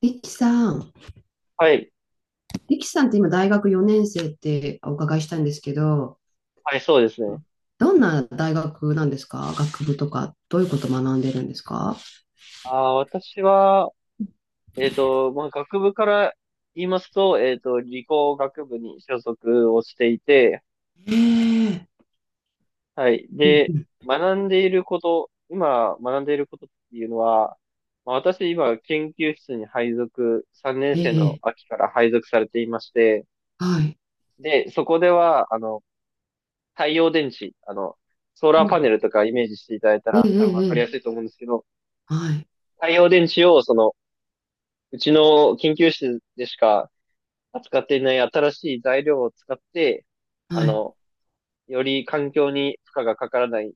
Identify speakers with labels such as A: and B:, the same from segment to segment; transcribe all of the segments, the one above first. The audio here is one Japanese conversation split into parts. A: リキさん、
B: はい。
A: リキさんって今大学4年生ってお伺いしたんですけど、
B: はい、そうですね。
A: どんな大学なんですか？学部とか、どういうことを学んでるんですか？
B: 私は、まあ、学部から言いますと、理工学部に所属をしていて、
A: ええ、
B: はい。
A: うんう
B: で、
A: ん、
B: 学んでいること、今学んでいることっていうのは、まあ、私今研究室に3年
A: え
B: 生の
A: え、
B: 秋から配属されていまして、
A: はい。
B: で、そこでは、太陽電池、ソー
A: う
B: ラーパ
A: ん、
B: ネルとかイメージしていただいた
A: ええ
B: ら
A: え
B: 多分わ
A: え
B: かりや
A: え
B: す
A: え、
B: いと思うんですけど、
A: はい、
B: 太陽電池をうちの研究室でしか扱っていない新しい材料を使って、あ
A: はい。
B: の、より環境に負荷がかからない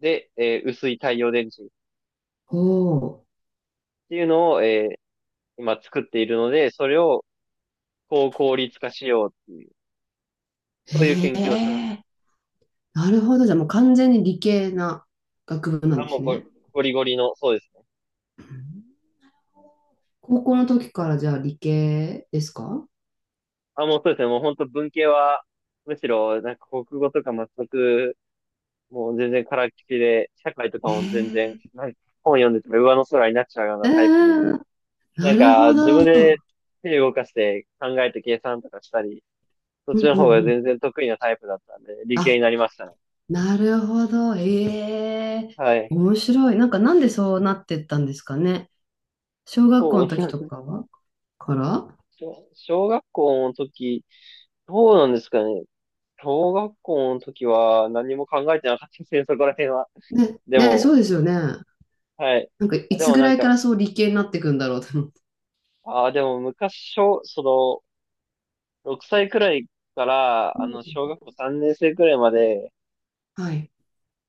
B: で、薄い太陽電池っ
A: おー、
B: ていうのを、今作っているので、それを高効率化しようっていう、そういう
A: え
B: 研究をしてます。
A: え、なるほど。じゃあもう完全に理系な学部なん
B: あ、
A: で
B: も
A: す
B: うゴ
A: ね。
B: ゴリゴリの、そうですね。
A: うん。高校の時からじゃあ理系ですか？
B: あ、もうそうですね。もう本当文系は、むしろ、なんか国語とか全く、もう全然からっきしで、社会とかも全然、
A: ええ
B: なんか本読んでても上の空になっちゃうようなタイプで、
A: ええ、
B: な
A: な
B: ん
A: る
B: か、
A: ほ
B: 自
A: ど。う
B: 分で
A: ん
B: 手動かして考えて計算とかしたり、そっ
A: う
B: ち
A: ん
B: の
A: う
B: 方が
A: ん。
B: 全然得意なタイプだったんで、理系
A: あ、
B: になりましたね。
A: なるほど。ええ、
B: はい。
A: 面白い。なんかなんでそうなってったんですかね。小学校
B: そう、
A: の時と かはから、
B: 小学校の時、どうなんですかね。小学校の時は何も考えてなかったですね、そこら辺は。
A: ね、
B: で
A: ね、そ
B: も、
A: うですよね。
B: はい。
A: なんかい
B: で
A: つ
B: も
A: ぐ
B: な
A: ら
B: ん
A: いか
B: か、
A: らそう理系になっていくんだろうと思って。
B: ああ、でも昔、小、その、6歳くらいか
A: う
B: ら、
A: ん、
B: 小学校3年生くらいまで、
A: はい。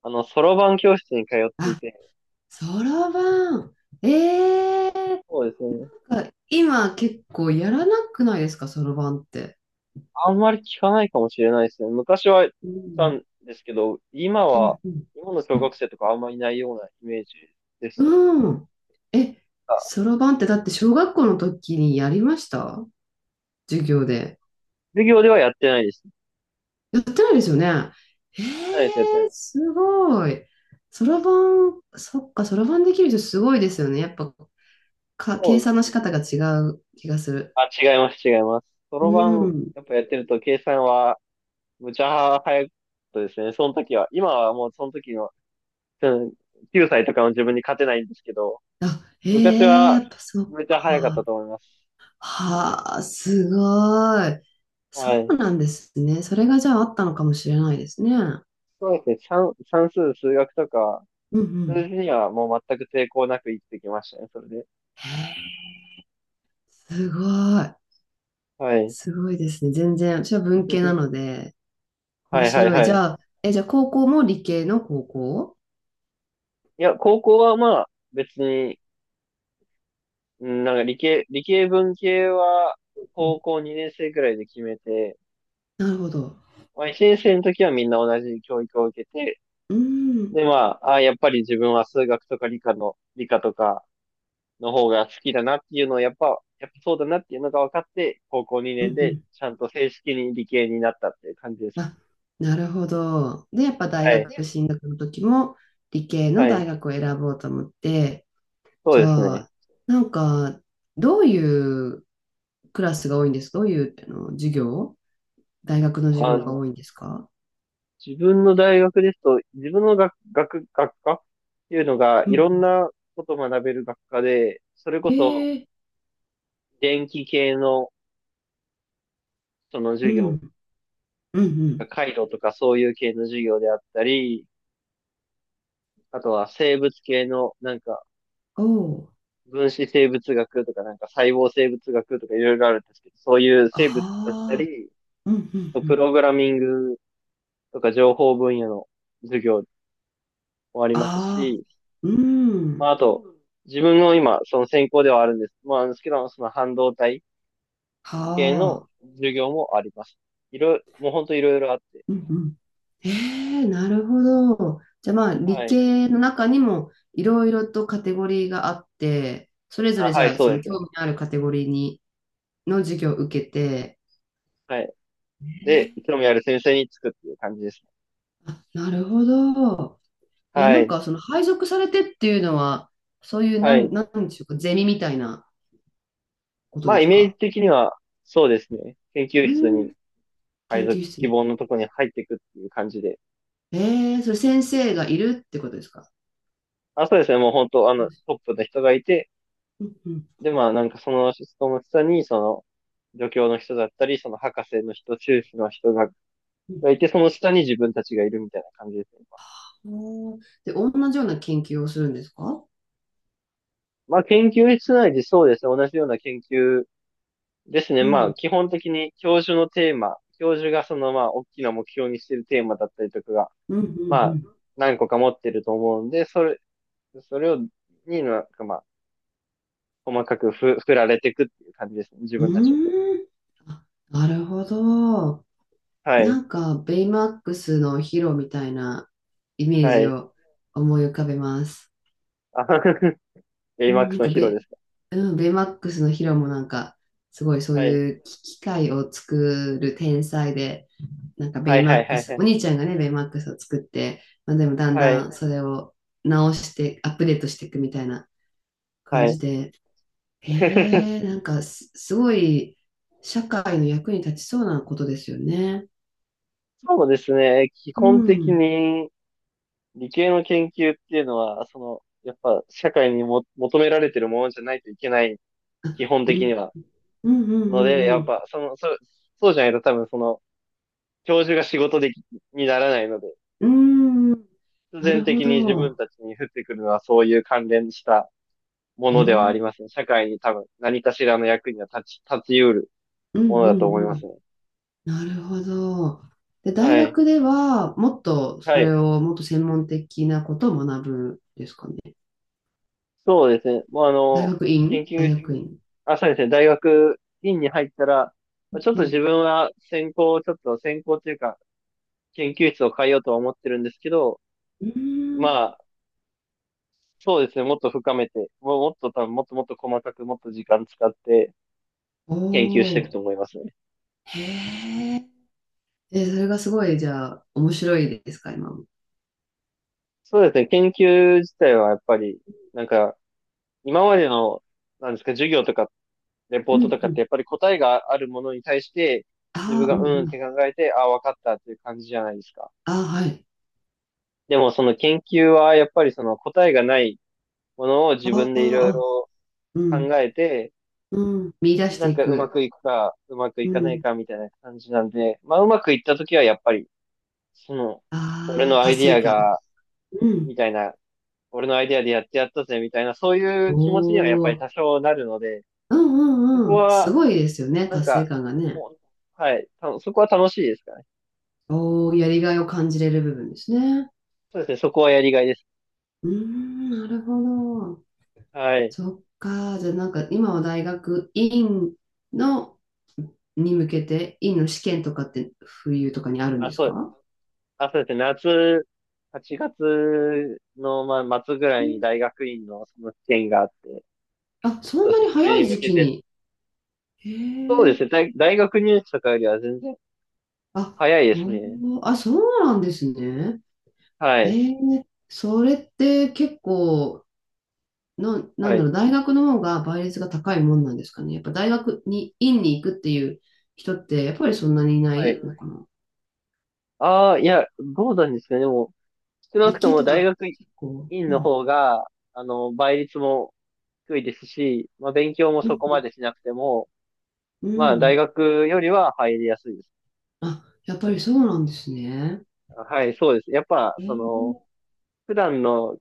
B: そろばん教室に通ってい
A: あ、
B: て、
A: そろばん。ええ、
B: そうですね。
A: なんか今結構やらなくないですか、そろばんって？
B: あんまり聞かないかもしれないですね。昔はい
A: う
B: た
A: ん。
B: んですけど、
A: うんうん。
B: 今の小学生とかあんまりいないようなイメージです。
A: うん。え、
B: あ、
A: そろばんってだって小学校の時にやりました？授業で。
B: 授業ではやってないです。やっ
A: やってないですよね。え
B: てないです、やってな
A: え、
B: い。
A: すごい。そろばん、そっか、そろばんできる人すごいですよね。やっぱ、か、
B: そ
A: 計
B: うで
A: 算
B: す
A: の仕
B: ね。
A: 方が違う気がする。
B: あ、違います、違います。そ
A: う
B: ろばん、
A: ん。
B: やっぱやってると計算は、むちゃ早かったですね。その時は。今はもうその時の、うん、9歳とかの自分に勝てないんですけど、
A: あ、え
B: 昔
A: え、や
B: は、
A: っぱそっ
B: めちゃ早かった
A: か。
B: と思います。
A: はあ、すごい。そ
B: はい。
A: うなんですね。それがじゃああったのかもしれないですね。
B: そうですね。算数、数学とか、
A: うんう
B: 数字
A: ん。
B: にはもう全く抵抗なく生きてきましたね、それで。
A: へえ、すごい。
B: はい。
A: すごいですね。全然、私は文系なの で、面
B: はいはい
A: 白い。
B: は
A: じ
B: い。
A: ゃあ、え、じゃあ高校も理系の高校？
B: いや、高校はまあ、別に、うんなんか理系文系は、高校2年生くらいで決めて、
A: なるほど。
B: まあ1年生の時はみんな同じ教育を受けて、
A: うーん。
B: でまあ、やっぱり自分は数学とか理科とかの方が好きだなっていうのをやっぱそうだなっていうのが分かって、高校
A: う
B: 2年
A: んう
B: で
A: ん。
B: ちゃんと正式に理系になったっていう感じですね。
A: あ、なるほど。で、やっぱ大
B: は
A: 学
B: い。
A: 進学の時も理系の
B: は
A: 大
B: い。
A: 学を選ぼうと思って、
B: そ
A: じ
B: うです
A: ゃ
B: ね。
A: あ、なんか、どういうクラスが多いんですか？どういうあの授業、大学の授業が
B: あ、
A: 多いんですか？
B: 自分の大学ですと、自分の学科っていうのが、
A: う
B: いろん
A: ん。
B: なことを学べる学科で、それこそ、
A: ええ、
B: 電気系の、その
A: う
B: 授業、
A: ん。う
B: な
A: ん
B: んか回路とかそういう系の授業であったり、あとは生物系の、なんか、
A: うん。おお。
B: 分子生物学とか、なんか細胞生物学とかいろいろあるんですけど、そういう生物だった
A: ああ。
B: り、
A: うんうん
B: あと
A: う
B: プ
A: ん。
B: ログラミングとか情報分野の授業もあります
A: ああ。
B: し、
A: う
B: ま
A: ん。
B: あ、あと、自分の今、その専攻ではあるんです。まあ、なんですけど、その半導体系
A: は、
B: の授業もあります。いろいろ、もう本当いろいろあって。
A: うんうん。えー、なるほど。じゃあまあ
B: は
A: 理
B: い。
A: 系の中にもいろいろとカテゴリーがあって、それぞれ
B: あ、
A: じ
B: は
A: ゃ
B: い、
A: あ
B: そ
A: そ
B: う
A: の
B: です。
A: 興味のあるカテゴリーにの授業を受けて、
B: はい。で、興味ある先生につくっていう感じですね。
A: あ、なるほど。え、
B: は
A: なん
B: い。
A: かその配属されてっていうのは、そういう
B: はい。
A: なんでしょうか、ゼミみたいなこと
B: まあ、
A: で
B: イ
A: す
B: メージ
A: か？
B: 的には、そうですね。研究
A: う
B: 室に
A: ん、研
B: 配属、
A: 究室
B: 希
A: に。
B: 望のとこに入っていくっていう感じで。
A: えー、それ先生がいるってことですか？
B: あ、そうですね。もう本当、ト
A: う
B: ップの人がいて、
A: んうん
B: で、まあ、なんかその人の下に、助教の人だったり、その博士の人、修士の人が
A: うん。
B: がいて、その下に自分たちがいるみたいな感じですね。
A: おー、で、同じような研究をするんですか？
B: まあ、研究室内でそうですね。同じような研究ですね。
A: う
B: まあ、
A: ん、
B: 基本的に教授のテーマ、教授がまあ、大きな目標にしているテーマだったりとかが、
A: うん、う
B: まあ、
A: ん、
B: 何個か持ってると思うんで、それ、それを、になんかまあ、細かく振られていくっていう感じですね。自
A: う
B: 分たちを。
A: ーん。あ、なるほど。
B: は
A: な
B: い。
A: んか、ベイマックスのヒロみたいなイメー
B: は
A: ジ
B: い。
A: を思い浮かべます。
B: あ
A: うん、な
B: AMAX
A: ん
B: の
A: か
B: ヒロですか。
A: うん、ベイマックスのヒロもなんか、すごいそう
B: はい。
A: いう機械を作る天才で、なんかベ
B: は
A: イ
B: い
A: マ
B: は
A: ッ
B: い
A: ク
B: はい
A: ス、
B: は
A: お
B: い。
A: 兄ちゃんがね、ベイマックスを作って、まあ、でもだん
B: はい。
A: だんそれを直して、アップデートしていくみたいな
B: は
A: 感じ
B: い。
A: で、へえ、なんかすごい社会の役に立ちそうなことですよね。
B: そうですね。基
A: う
B: 本的
A: ん。
B: に、理系の研究っていうのは、やっぱ社会にも求められてるものじゃないといけない、
A: あ、
B: 基本
A: う
B: 的
A: ん、
B: には。
A: うん、う
B: の
A: ん、
B: で、
A: う
B: やっ
A: ん、
B: ぱ、そうじゃないと多分教授が仕事でき、にならないので、
A: うん。
B: 必
A: な
B: 然
A: る
B: 的
A: ほ
B: に自分
A: ど。
B: たちに降ってくるのはそういう関連したも
A: う
B: のではあり
A: ん、
B: ますね。社会に多分何かしらの役には立ち得る
A: うん、
B: もの
A: う
B: だと思
A: ん、
B: い
A: う
B: ま
A: ん。
B: すね。
A: なるほど。で、大
B: はい。
A: 学では、もっと
B: は
A: そ
B: い。
A: れを、もっと専門的なことを学ぶんですかね。
B: そうですね。もう
A: 大学
B: 研
A: 院、大
B: 究、
A: 学院。
B: あ、そうですね。大学院に入ったら、
A: う
B: ちょっと
A: ん。
B: 自分は専攻を、ちょっと専攻というか、研究室を変えようとは思ってるんですけど、
A: うーん、
B: まあ、そうですね。もっと深めて、もうもっと多分、もっともっと細かく、もっと時間使って
A: お
B: 研究していく
A: ー。
B: と思いますね。
A: へーえ。それがすごい、じゃあ、面白いですか、今も。
B: そうですね。研究自体はやっぱり、なんか、今までの、なんですか、授業とか、レポ
A: う
B: ートと
A: ん
B: か
A: う
B: って、
A: ん。
B: やっぱり答えがあるものに対して、自分
A: ああ、う
B: が
A: ん
B: うん
A: う
B: っ
A: ん。
B: て考えて、ああ、わかったっていう感じじゃないですか。
A: ああ、はい。
B: でもその研究はやっぱりその答えがないものを自
A: あ
B: 分
A: あ、
B: でいろい
A: あ、
B: ろ
A: う
B: 考
A: ん。
B: えて、
A: うん。見出し
B: な
A: て
B: ん
A: い
B: かうま
A: く。
B: くいくか、うまく
A: う
B: いかない
A: ん。
B: かみたいな感じなんで、まあうまくいった時はやっぱり、その、俺
A: ああ、
B: のア
A: 達
B: イディ
A: 成
B: ア
A: 感。
B: が、
A: うん。
B: みたいな、俺のアイディアでやってやったぜみたいな、そうい
A: お
B: う気持ちにはやっぱり
A: お、
B: 多少なるので、
A: うんう
B: そこ
A: んうん。す
B: は、
A: ごいですよね、
B: なん
A: 達成
B: か、
A: 感がね。
B: もう、はい、そこは楽しいですかね。
A: おお、やりがいを感じれる部分ですね。
B: そうですね、そこはやりがいです。
A: うーん、なるほど。
B: はい。
A: そっか。じゃあなんか今は大学院のに向けて、院の試験とかって冬とかにあるん
B: あ、
A: です
B: そう、
A: か？
B: あ、そうですね。8月の、まあ、末ぐらいに
A: え、
B: 大学院のその試験があって、
A: あ、そ
B: そう
A: ん
B: で
A: な
B: すね。
A: に
B: それ
A: 早い
B: に向
A: 時
B: け
A: 期
B: て、
A: に。へ
B: そうです
A: え。
B: ね。大学入試とかよりは全然
A: あ、
B: 早いです
A: ほん
B: ね。
A: まあ、そうなんですね。
B: はい。
A: ええ、それって結構な
B: は
A: んだ
B: い。
A: ろう、大学の方が倍率が高いもんなんですかね。やっぱ大学に、院に行くっていう人って、やっぱりそんなにいな
B: はい。
A: いのかな。
B: ああ、いや、どうなんですかね。でも、少な
A: 理
B: くと
A: 系
B: も
A: と
B: 大
A: か
B: 学
A: 結構、
B: 院
A: う
B: の
A: ん、
B: 方が、倍率も低いですし、まあ、勉強も
A: う
B: そこま
A: ん、
B: でしなくても、
A: うん。う
B: まあ、大
A: ん、
B: 学よりは入りやすいです。
A: あ、やっぱりそうなんですね。
B: はい、そうです。やっぱ、
A: えー、
B: 普段の、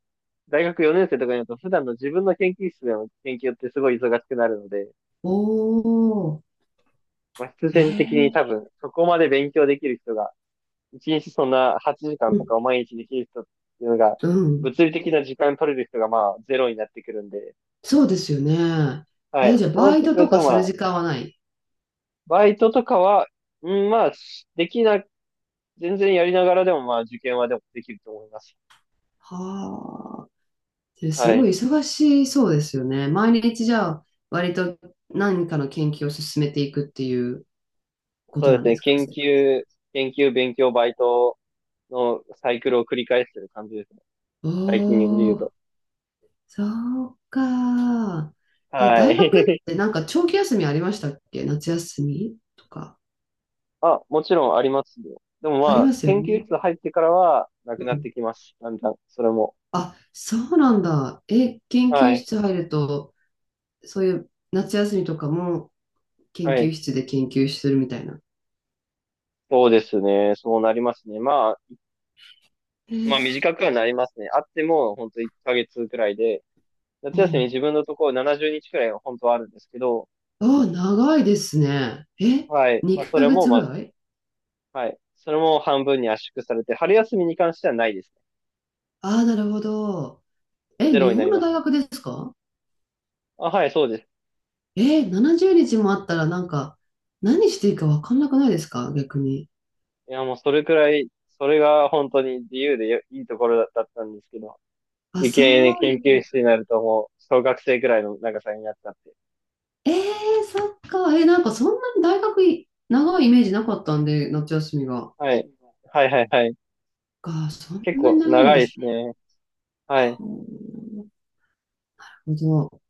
B: 大学4年生とかになると、普段の自分の研究室での研究ってすごい忙しくなるので、
A: おー、
B: まあ、必
A: え
B: 然的に
A: ー、
B: 多分、そこまで勉強できる人が、1日そんな8時間
A: う
B: とか
A: ん、
B: を毎日できる人っていうのが、
A: うん。
B: 物理的な時間取れる人がまあ、ゼロになってくるんで、
A: そうですよね。
B: は
A: えー、
B: い。
A: じゃあ
B: そうなっ
A: バイ
B: て
A: ト
B: くる
A: とか
B: と、ま
A: する
B: あ、
A: 時間はない？
B: バイトとかは、うん、まあ、しできな、全然やりながらでも、まあ、受験はでもできると思います。
A: はあ。で、す
B: は
A: ご
B: い。
A: い忙しそうですよね。毎日じゃあ、割と何かの研究を進めていくっていう。こ
B: そ
A: と
B: うで
A: な
B: す
A: んで
B: ね。
A: すか、
B: 研
A: 生活。
B: 究、研究、勉強、バイトのサイクルを繰り返してる感じです。最近で言う
A: おー、
B: と。
A: そうか。え、
B: は
A: 大学
B: い。
A: ってなんか長期休みありましたっけ？夏休みとか。
B: あ、もちろんありますよ。でもま
A: あり
B: あ、
A: ますよ
B: 研究
A: ね。
B: 室入ってからは、な
A: う
B: くなっ
A: ん。
B: てきます。だんだん、それも。
A: あ、そうなんだ。え、研
B: は
A: 究
B: い。
A: 室入ると、そういう夏休みとかも研
B: は
A: 究
B: い。
A: 室で研究するみたいな。
B: そうですね。そうなりますね。まあ、
A: え
B: ま
A: ー、
B: あ短くはなりますね。あっても、ほんと1ヶ月くらいで、
A: お
B: 夏休み
A: う、
B: 自分のところ70日くらいは本当はあるんですけど、
A: あー、長いですね。え、
B: はい。まあ、そ
A: 2
B: れ
A: ヶ
B: も、
A: 月
B: ま
A: ぐ
B: あ、
A: らい。
B: はい。それも半分に圧縮されて、春休みに関してはないですね。
A: ああ、なるほど。
B: もう
A: え、
B: ゼロ
A: 日
B: にな
A: 本
B: り
A: の
B: ま
A: 大
B: すね。
A: 学ですか？
B: あ、はい、そうです。
A: えー、70日もあったらなんか、何していいか分かんなくないですか？逆に。
B: いや、もうそれくらい、それが本当に自由でよいいところだったんですけど、
A: あ、
B: 理
A: そ
B: 系に研
A: う。
B: 究室になるともう小学生くらいの長さになっちゃって。
A: えー、そっか。えー、なんかそんなに大学い長いイメージなかったんで、夏休みが。
B: はい。はいはいはい。
A: そん
B: 結
A: な
B: 構
A: に長いん
B: 長い
A: で
B: で
A: す
B: す
A: ね。
B: ね。はい。
A: なるほど